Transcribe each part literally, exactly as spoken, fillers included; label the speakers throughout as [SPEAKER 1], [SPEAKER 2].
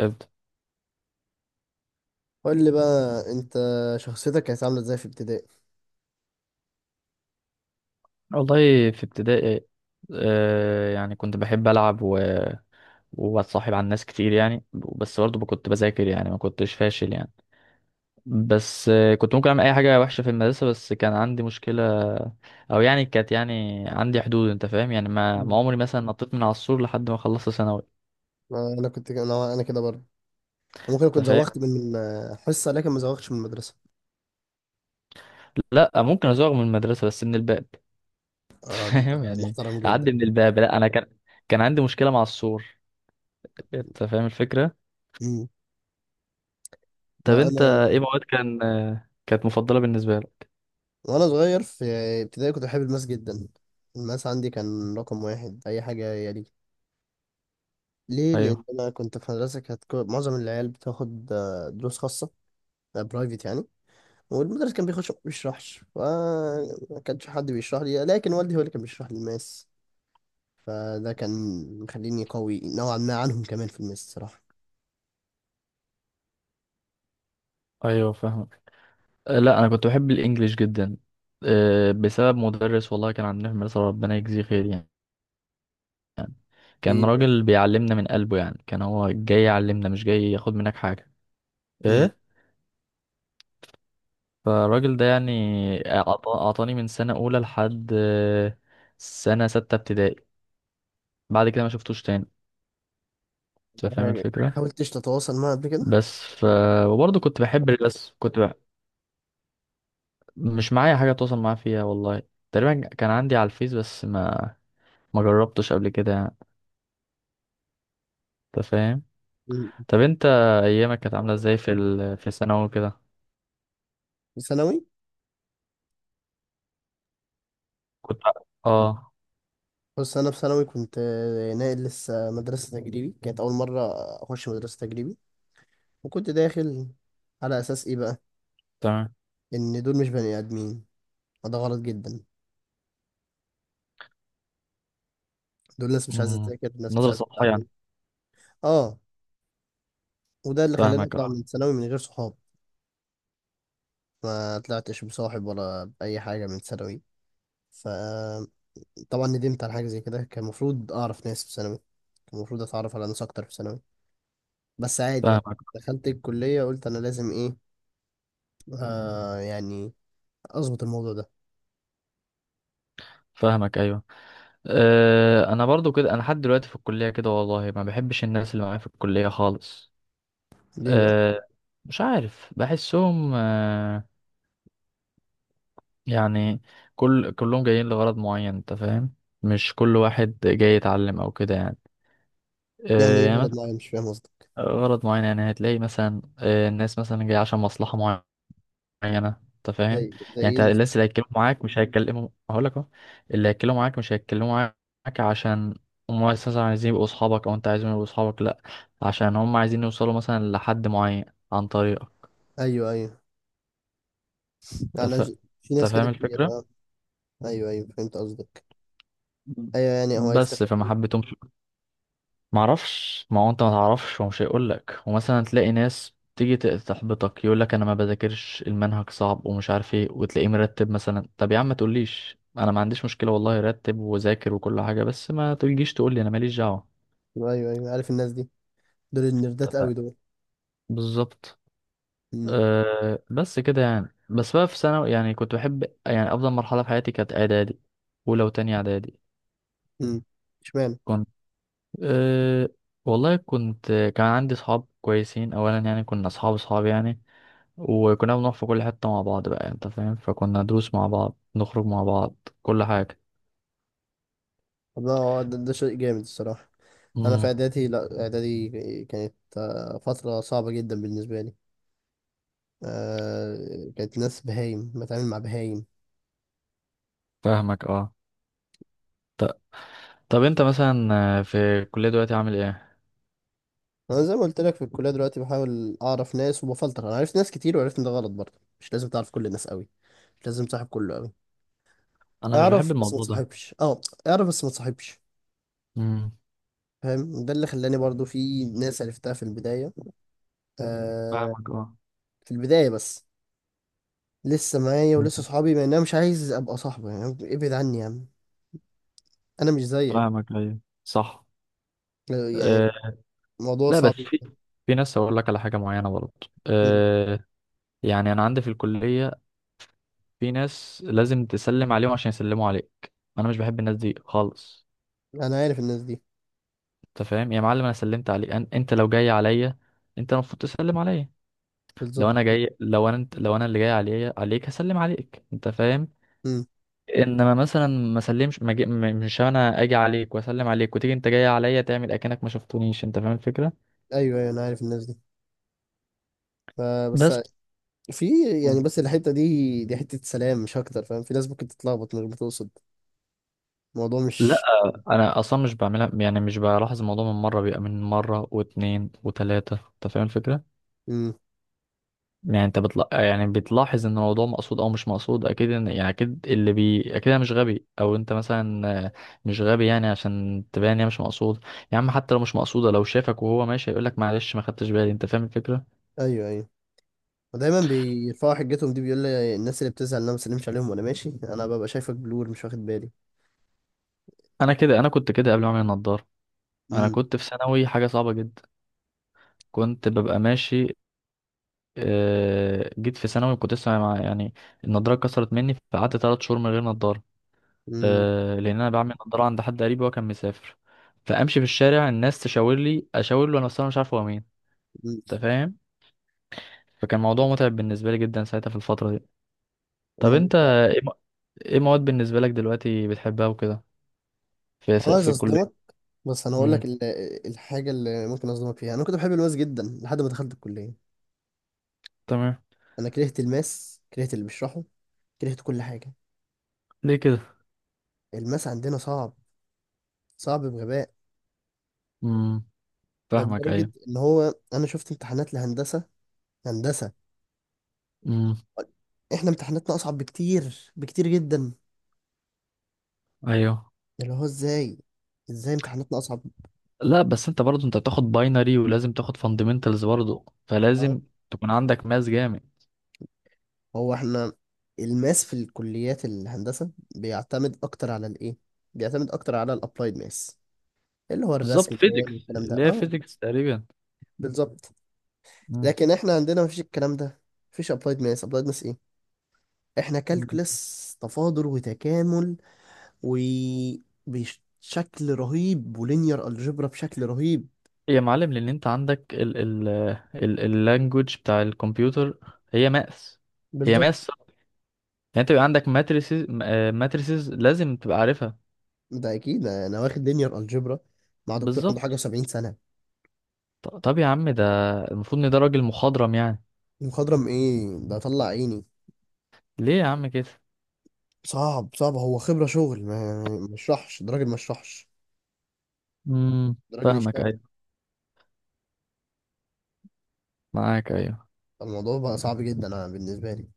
[SPEAKER 1] ابدأ.
[SPEAKER 2] قول لي بقى انت، شخصيتك كانت عامله ازاي في ابتدائي؟
[SPEAKER 1] والله في ابتدائي، آه يعني كنت بحب ألعب و... وأتصاحب على الناس كتير يعني، بس برضه كنت بذاكر يعني، ما كنتش فاشل يعني. بس آه، كنت ممكن أعمل أي حاجة وحشة في المدرسة، بس كان عندي مشكلة أو يعني كانت يعني عندي حدود. أنت فاهم يعني، ما, ما
[SPEAKER 2] مم.
[SPEAKER 1] عمري مثلا نطيت من على السور لحد ما خلصت ثانوي.
[SPEAKER 2] آه، انا كنت انا انا كده برضه. ممكن
[SPEAKER 1] أنت
[SPEAKER 2] اكون
[SPEAKER 1] فاهم،
[SPEAKER 2] زوغت من من آه، حصه، لكن ما زوغتش من المدرسه.
[SPEAKER 1] لا ممكن أزوغ من المدرسة بس من الباب.
[SPEAKER 2] اه ده انت
[SPEAKER 1] فاهم يعني،
[SPEAKER 2] محترم جدا.
[SPEAKER 1] أعدي من الباب. لا أنا كان، كان عندي مشكلة مع السور. أنت فاهم الفكرة.
[SPEAKER 2] مم.
[SPEAKER 1] طب
[SPEAKER 2] لا
[SPEAKER 1] انت
[SPEAKER 2] انا.
[SPEAKER 1] ايه مواد كان آه، كانت مفضلة بالنسبة لك؟
[SPEAKER 2] وانا صغير في ابتدائي كنت بحب الماس جدا. الماس عندي كان رقم واحد اي حاجه يلي. ليه؟ لان
[SPEAKER 1] ايوه،
[SPEAKER 2] انا كنت في مدرسه كانت كل- معظم العيال بتاخد آه، دروس خاصه، برايفت يعني. والمدرس كان بيخش، ما بيشرحش، فما كانش حد بيشرح لي، لكن والدي هو اللي كان بيشرح لي الماس. فده كان مخليني قوي نوعا ما عنهم كمان في الماس الصراحة.
[SPEAKER 1] ايوه فاهم. لا انا كنت بحب الانجليش جدا، آه، بسبب مدرس والله كان عندنا في المدرسة، ربنا يجزيه خير يعني. كان
[SPEAKER 2] ايه بقى؟
[SPEAKER 1] راجل بيعلمنا من قلبه يعني، كان هو جاي يعلمنا مش جاي ياخد منك حاجة.
[SPEAKER 2] مم.
[SPEAKER 1] ايه، فالراجل ده يعني أعط- اعطاني من سنة اولى لحد آه، سنة ستة ابتدائي. بعد كده ما شفتوش تاني. انت فاهم الفكرة.
[SPEAKER 2] حاولتش تتواصل معاه قبل كده؟
[SPEAKER 1] بس ف وبرضه كنت بحب الرسم. كنت مش معايا حاجة اتواصل معاه فيها والله. تقريبا كان عندي على الفيس، بس ما ما جربتش قبل كده يعني. انت فاهم.
[SPEAKER 2] مم.
[SPEAKER 1] طب انت، ايامك كانت عاملة ازاي في ال... في الثانوي كده؟
[SPEAKER 2] في ثانوي.
[SPEAKER 1] كنت، اه.
[SPEAKER 2] بص انا في ثانوي كنت آه، ناقل لسه، مدرسة تجريبي كانت اول مرة اخش مدرسة تجريبي. وكنت داخل على اساس ايه بقى؟
[SPEAKER 1] تمام.
[SPEAKER 2] ان دول مش بني ادمين، وده غلط جدا. دول ناس مش عايزة
[SPEAKER 1] مم.
[SPEAKER 2] تذاكر، ناس مش
[SPEAKER 1] نظرة
[SPEAKER 2] عايزة
[SPEAKER 1] سطحية
[SPEAKER 2] تتعلم.
[SPEAKER 1] يعني.
[SPEAKER 2] اه. وده اللي خلاني
[SPEAKER 1] فاهمك،
[SPEAKER 2] اطلع
[SPEAKER 1] اه.
[SPEAKER 2] من ثانوي من غير صحاب. ما طلعتش بصاحب ولا بأي حاجة من ثانوي. ف طبعا ندمت على حاجة زي كده. كان المفروض أعرف ناس في ثانوي، كان المفروض أتعرف على ناس أكتر في ثانوي، بس عادي بقى.
[SPEAKER 1] فاهمك.
[SPEAKER 2] دخلت الكلية قلت أنا لازم إيه، آه يعني أظبط الموضوع ده.
[SPEAKER 1] فاهمك ايوه. أه، انا برضو كده، انا لحد دلوقتي في الكلية كده، والله ما بحبش الناس اللي معايا في الكلية خالص.
[SPEAKER 2] ليه بقى؟
[SPEAKER 1] أه، مش عارف بحسهم آه، يعني كل كلهم جايين لغرض معين، انت فاهم؟ مش كل واحد جاي يتعلم او كده يعني.
[SPEAKER 2] يعني
[SPEAKER 1] آه،
[SPEAKER 2] إيه
[SPEAKER 1] يعني
[SPEAKER 2] غلط
[SPEAKER 1] مثلا
[SPEAKER 2] معايا؟ مش فاهم قصدك.
[SPEAKER 1] غرض معين، يعني هتلاقي مثلا آه، الناس مثلا جاية عشان مصلحة معينة، انت فاهم؟
[SPEAKER 2] زي زي
[SPEAKER 1] يعني
[SPEAKER 2] إيه
[SPEAKER 1] انت الناس اللي
[SPEAKER 2] المصلحة؟
[SPEAKER 1] هيتكلموا معاك مش هيتكلموا، هقول لك اهو، اللي هيتكلموا معاك مش هيتكلموا معاك عشان هم اساسا عايزين يبقوا اصحابك او انت عايزهم يبقوا اصحابك، لا، عشان هم عايزين يوصلوا مثلا لحد معين عن طريقك.
[SPEAKER 2] أيوه أيوه،
[SPEAKER 1] انت
[SPEAKER 2] يعني أنا
[SPEAKER 1] فا-
[SPEAKER 2] ج- في
[SPEAKER 1] انت
[SPEAKER 2] ناس كده
[SPEAKER 1] فاهم
[SPEAKER 2] كتير
[SPEAKER 1] الفكرة.
[SPEAKER 2] أه. أيوه أيوه، فهمت قصدك.
[SPEAKER 1] مم.
[SPEAKER 2] أيوه، يعني هو
[SPEAKER 1] بس
[SPEAKER 2] هيستفاد
[SPEAKER 1] فما
[SPEAKER 2] إيه؟
[SPEAKER 1] حبيتهمش. معرفش، ما هو انت ما تعرفش ومش هيقول لك، ومثلا تلاقي ناس تيجي ت- تحبطك، يقول لك انا ما بذاكرش، المنهج صعب ومش عارف ايه، وتلاقيه مرتب مثلا. طب يا عم ما تقوليش، انا ما عنديش مشكله والله، رتب وذاكر وكل حاجه، بس ما تجيش تقول لي انا ماليش دعوه.
[SPEAKER 2] أيوه أيوه، عارف الناس دي، دول النردات
[SPEAKER 1] اتفقنا.
[SPEAKER 2] أوي دول.
[SPEAKER 1] بالظبط.
[SPEAKER 2] أمم.
[SPEAKER 1] أه بس كده يعني. بس بقى في ثانوي يعني كنت بحب، يعني افضل مرحله في حياتي كانت اعدادي، اولى وتانية اعدادي.
[SPEAKER 2] أمم، اشمعنى؟
[SPEAKER 1] كنت، أه، والله كنت، كان عندي صحاب كويسين اولا يعني، كنا اصحاب اصحاب يعني. وكنا بنروح في كل حتة مع بعض بقى، انت فاهم؟ فكنا دروس مع بعض، نخرج مع بعض، كل حاجة.
[SPEAKER 2] طب ده ده ده شيء جامد الصراحة. انا في
[SPEAKER 1] امم.
[SPEAKER 2] اعدادي، لا اعدادي كانت آه، فتره صعبه جدا بالنسبه لي. آه، كانت ناس بهايم بتعامل مع بهايم.
[SPEAKER 1] فاهمك اه. ط- طب انت مثلا آه، في الكلية دلوقتي عامل ايه؟
[SPEAKER 2] انا زي ما قلت لك في الكليه دلوقتي بحاول اعرف ناس وبفلتر. انا عرفت ناس كتير وعرفت ان ده غلط برضه. مش لازم تعرف كل الناس قوي، مش لازم تصاحب كله قوي.
[SPEAKER 1] انا مش بحب
[SPEAKER 2] اعرف بس ما
[SPEAKER 1] الموضوع ده.
[SPEAKER 2] تصاحبش. اه، اعرف بس ما تصاحبش.
[SPEAKER 1] امم.
[SPEAKER 2] فاهم، ده اللي خلاني برضه في ناس عرفتها في البدايه، آه،
[SPEAKER 1] فاهمك اه.
[SPEAKER 2] في البدايه بس، لسه معايا ولسه
[SPEAKER 1] مم.
[SPEAKER 2] صحابي، مع ان انا مش عايز ابقى صاحبه. يعني إيه، ابعد عني يا عم، انا مش زيك.
[SPEAKER 1] فاهمك ايوه صح.
[SPEAKER 2] يعني
[SPEAKER 1] أه.
[SPEAKER 2] موضوع
[SPEAKER 1] لا بس
[SPEAKER 2] صعب.
[SPEAKER 1] في، في ناس هقول لك على حاجة معينة برضه.
[SPEAKER 2] مم.
[SPEAKER 1] أه، يعني انا عندي في الكلية، في ناس لازم تسلم عليهم عشان يسلموا عليك. انا مش بحب الناس دي خالص.
[SPEAKER 2] انا عارف الناس دي.
[SPEAKER 1] انت فاهم يا معلم، انا سلمت عليك أن... انت لو جاي عليا، انت المفروض تسلم عليا.
[SPEAKER 2] بالظبط.
[SPEAKER 1] لو انا جاي، لو انا انت... لو انا اللي جاي عليا عليك هسلم عليك، انت فاهم؟
[SPEAKER 2] مم.
[SPEAKER 1] انما مثلا ما سلمش، ما جي... م- مش انا اجي عليك واسلم عليك، وتيجي انت جاي عليا تعمل اكنك ما شفتونيش، انت فاهم الفكره؟
[SPEAKER 2] ايوه ايوه، انا عارف الناس دي. فبس
[SPEAKER 1] بس.
[SPEAKER 2] في، يعني
[SPEAKER 1] مم.
[SPEAKER 2] بس الحته دي دي حته سلام مش اكتر. فاهم، في ناس ممكن تتلخبط من غير ما تقصد. الموضوع
[SPEAKER 1] لا
[SPEAKER 2] مش.
[SPEAKER 1] انا اصلا مش بعملها يعني، مش بلاحظ الموضوع من مره، بيبقى من مره واتنين وتلاته، انت فاهم الفكره؟
[SPEAKER 2] مم.
[SPEAKER 1] يعني انت بتلا... يعني بتلاحظ ان الموضوع مقصود او مش مقصود. اكيد ان... يعني اكيد اللي بي اكيد انا مش غبي او انت مثلا آه، مش غبي يعني، عشان تبان ان هي مش مقصود. يا عم حتى لو مش مقصوده، لو شافك وهو ماشي هيقول لك معلش ما خدتش بالي، انت فاهم الفكره؟
[SPEAKER 2] ايوه ايوه، ودايما بيرفعوا حجتهم دي. بيقول لي الناس اللي بتزعل ان انا ما بسلمش عليهم، وانا ماشي انا ببقى شايفك بلور مش واخد بالي.
[SPEAKER 1] انا كده، انا كنت كده قبل ما اعمل النضاره. انا
[SPEAKER 2] مم.
[SPEAKER 1] كنت في ثانوي حاجه صعبه جدا. كنت ببقى ماشي آه، جيت في ثانوي كنت لسه مع يعني، النضاره اتكسرت مني فقعدت ثلاث شهور من غير نضاره.
[SPEAKER 2] مم.
[SPEAKER 1] آه، لان انا بعمل نضاره عند حد قريب وهو كان مسافر. فامشي في الشارع الناس تشاور لي اشاور له، انا اصلا مش عارف هو مين.
[SPEAKER 2] مم.
[SPEAKER 1] انت فاهم؟ فكان موضوع متعب بالنسبه لي جدا ساعتها في الفتره دي. طب
[SPEAKER 2] الموضوع
[SPEAKER 1] انت
[SPEAKER 2] صعب.
[SPEAKER 1] ايه م- إيه مواد بالنسبه لك دلوقتي بتحبها وكده، في س-
[SPEAKER 2] انا عايز
[SPEAKER 1] في
[SPEAKER 2] اصدمك،
[SPEAKER 1] الكليه؟
[SPEAKER 2] بس انا هقول لك
[SPEAKER 1] امم.
[SPEAKER 2] ال- الحاجه اللي ممكن اصدمك فيها، انا كنت بحب الماس جدا لحد ما دخلت الكليه.
[SPEAKER 1] تمام.
[SPEAKER 2] انا كرهت الماس، كرهت اللي بيشرحه، كرهت كل حاجه.
[SPEAKER 1] ليه كده؟
[SPEAKER 2] الماس عندنا صعب، صعب بغباء.
[SPEAKER 1] امم.
[SPEAKER 2] ده
[SPEAKER 1] فاهمك
[SPEAKER 2] لدرجة
[SPEAKER 1] ايوه.
[SPEAKER 2] إن هو أنا شفت امتحانات لهندسة، هندسة،
[SPEAKER 1] امم.
[SPEAKER 2] إحنا امتحاناتنا أصعب بكتير، بكتير جدا.
[SPEAKER 1] ايوه.
[SPEAKER 2] اللي هو إزاي، إزاي امتحاناتنا أصعب؟
[SPEAKER 1] لا بس انت برضه انت بتاخد باينري ولازم تاخد فاندمنتالز برضه،
[SPEAKER 2] أه.
[SPEAKER 1] فلازم تكون عندك ماس جامد.
[SPEAKER 2] هو إحنا الماس في الكليات الهندسة بيعتمد أكتر على الإيه، بيعتمد أكتر على الأبلايد ماس، اللي هو الرسم
[SPEAKER 1] بالظبط،
[SPEAKER 2] البياني
[SPEAKER 1] فيزيكس،
[SPEAKER 2] والكلام ده
[SPEAKER 1] اللي هي
[SPEAKER 2] أه.
[SPEAKER 1] فيزيكس تقريبا.
[SPEAKER 2] بالظبط. لكن إحنا عندنا مفيش الكلام ده، مفيش أبلايد ماس. أبلايد ماس إيه، إحنا
[SPEAKER 1] مم.
[SPEAKER 2] كالكولس، تفاضل وتكامل وبشكل رهيب، ولينير الجبرا بشكل رهيب.
[SPEAKER 1] يا معلم، لان انت عندك ال ال ال اللانجوج بتاع الكمبيوتر، هي ماس، هي
[SPEAKER 2] بالظبط.
[SPEAKER 1] ماس. يعني انت بيبقى عندك ماتريسز، ماتريسز لازم تبقى عارفها.
[SPEAKER 2] ده اكيد انا واخد لينير الجبرا مع دكتور عنده
[SPEAKER 1] بالظبط.
[SPEAKER 2] حاجه و70 سنه.
[SPEAKER 1] ط- طب يا عم، ده المفروض ان ده راجل مخضرم يعني.
[SPEAKER 2] مخضرم ايه؟ ده طلع عيني.
[SPEAKER 1] ليه يا عم كده؟
[SPEAKER 2] صعب صعب. هو خبره شغل، ما ما يشرحش، ده راجل ما يشرحش،
[SPEAKER 1] امم.
[SPEAKER 2] ده راجل
[SPEAKER 1] فاهمك
[SPEAKER 2] يشتغل.
[SPEAKER 1] ايوه. معاك ايوه.
[SPEAKER 2] الموضوع بقى صعب جدا انا بالنسبه لي.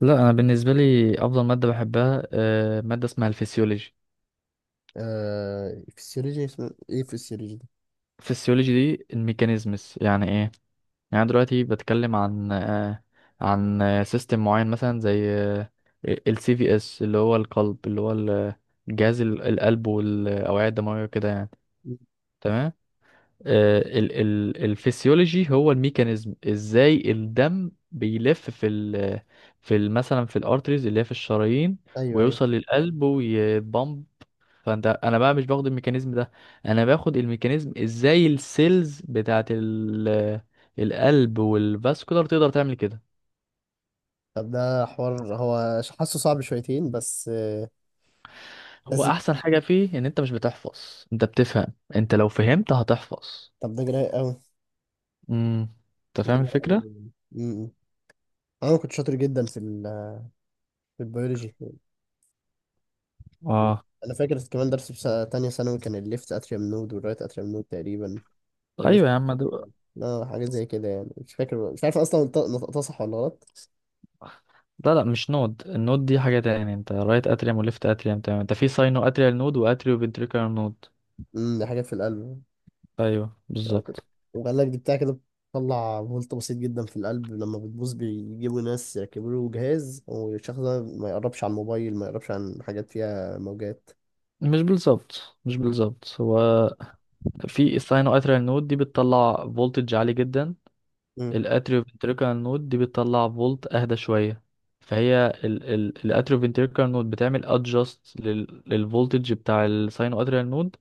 [SPEAKER 1] لا انا بالنسبه لي افضل ماده بحبها آه، ماده اسمها الفسيولوجي.
[SPEAKER 2] آه فيسيولوجي، اسمه ايه فيسيولوجي ده؟
[SPEAKER 1] الفسيولوجي دي الميكانيزمز، يعني ايه؟ يعني أنا دلوقتي بتكلم عن آه، عن سيستم معين مثلا زي السي في اس، اللي هو القلب، اللي هو ال- جهاز ال- القلب والاوعيه الدمويه وكده يعني.
[SPEAKER 2] مم.
[SPEAKER 1] تمام. آه، ال ال الفسيولوجي هو الميكانيزم ازاي الدم بيلف في ال، في ال مثلا في الارتريز اللي هي في الشرايين،
[SPEAKER 2] ايوه ايوه.
[SPEAKER 1] ويوصل للقلب ويتبمب. فانت، انا بقى مش باخد الميكانيزم ده، انا باخد الميكانيزم ازاي السيلز بتاعت ال القلب والفاسكولار تقدر تعمل كده.
[SPEAKER 2] طب ده حوار، هو ش- حاسه صعب شويتين بس آه،
[SPEAKER 1] هو
[SPEAKER 2] لذيذ.
[SPEAKER 1] احسن حاجه فيه ان انت مش بتحفظ، انت بتفهم، انت لو فهمت هتحفظ.
[SPEAKER 2] طب ده جراء قوي،
[SPEAKER 1] امم. انت فاهم
[SPEAKER 2] جراء
[SPEAKER 1] الفكره.
[SPEAKER 2] قوي. انا كنت شاطر جدا في ال- في البيولوجي.
[SPEAKER 1] اه.
[SPEAKER 2] انا فاكر كمان درس في سنة- تانية ثانوي، كان الليفت اتريم نود والرايت اتريم نود تقريبا، والليفت.
[SPEAKER 1] ايوه يا عم ده،
[SPEAKER 2] اه حاجات زي كده يعني، مش فاكر، مش عارف اصلا نط- نطقتها صح ولا غلط.
[SPEAKER 1] لا لا مش نود، النود دي حاجه تاني، انت رايت اتريوم وليفت اتريوم تمام، انت في ساينو اتريال نود واتريو فنتريكولار نود.
[SPEAKER 2] امم، دي حاجات في القلب.
[SPEAKER 1] ايوه
[SPEAKER 2] أنا كنت-
[SPEAKER 1] بالظبط.
[SPEAKER 2] وقال لك دي بتاع كده، بتطلع فولت بسيط جدا في القلب، لما بتبوظ بيجيبوا ناس يركبوا له جهاز، والشخص ده ما يقربش عن موبايل، ما يقربش عن حاجات فيها موجات.
[SPEAKER 1] مش بالظبط مش بالظبط هو، في الساينو اتريال نود دي بتطلع فولتج عالي جدا.
[SPEAKER 2] امم.
[SPEAKER 1] الاتريو فينتريكال نود دي بتطلع فولت اهدى شويه، فهي الاتريو فينتريكال نود بتعمل ادجاست للفولتج بتاع الساينو اتريال نود،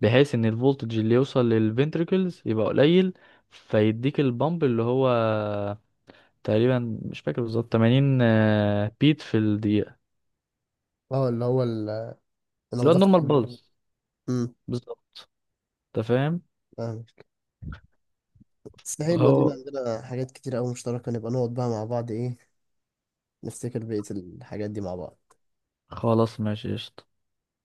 [SPEAKER 1] بحيث ان الفولتج اللي يوصل للفنتريكلز يبقى قليل. فيديك البامب اللي هو تقريبا مش فاكر بالظبط تمانين بيت في الدقيقه،
[SPEAKER 2] اه اللي هو ال- انا
[SPEAKER 1] اللي هو
[SPEAKER 2] بضغط.
[SPEAKER 1] النورمال. مم. بالز.
[SPEAKER 2] امم.
[SPEAKER 1] بالظبط. انت فاهم.
[SPEAKER 2] بس حلوة دي،
[SPEAKER 1] هو
[SPEAKER 2] عندنا حاجات كتير أوي مشتركة، نبقى نقعد بقى مع بعض إيه، نفتكر بقية الحاجات دي مع بعض.
[SPEAKER 1] خلاص ماشي قشطة.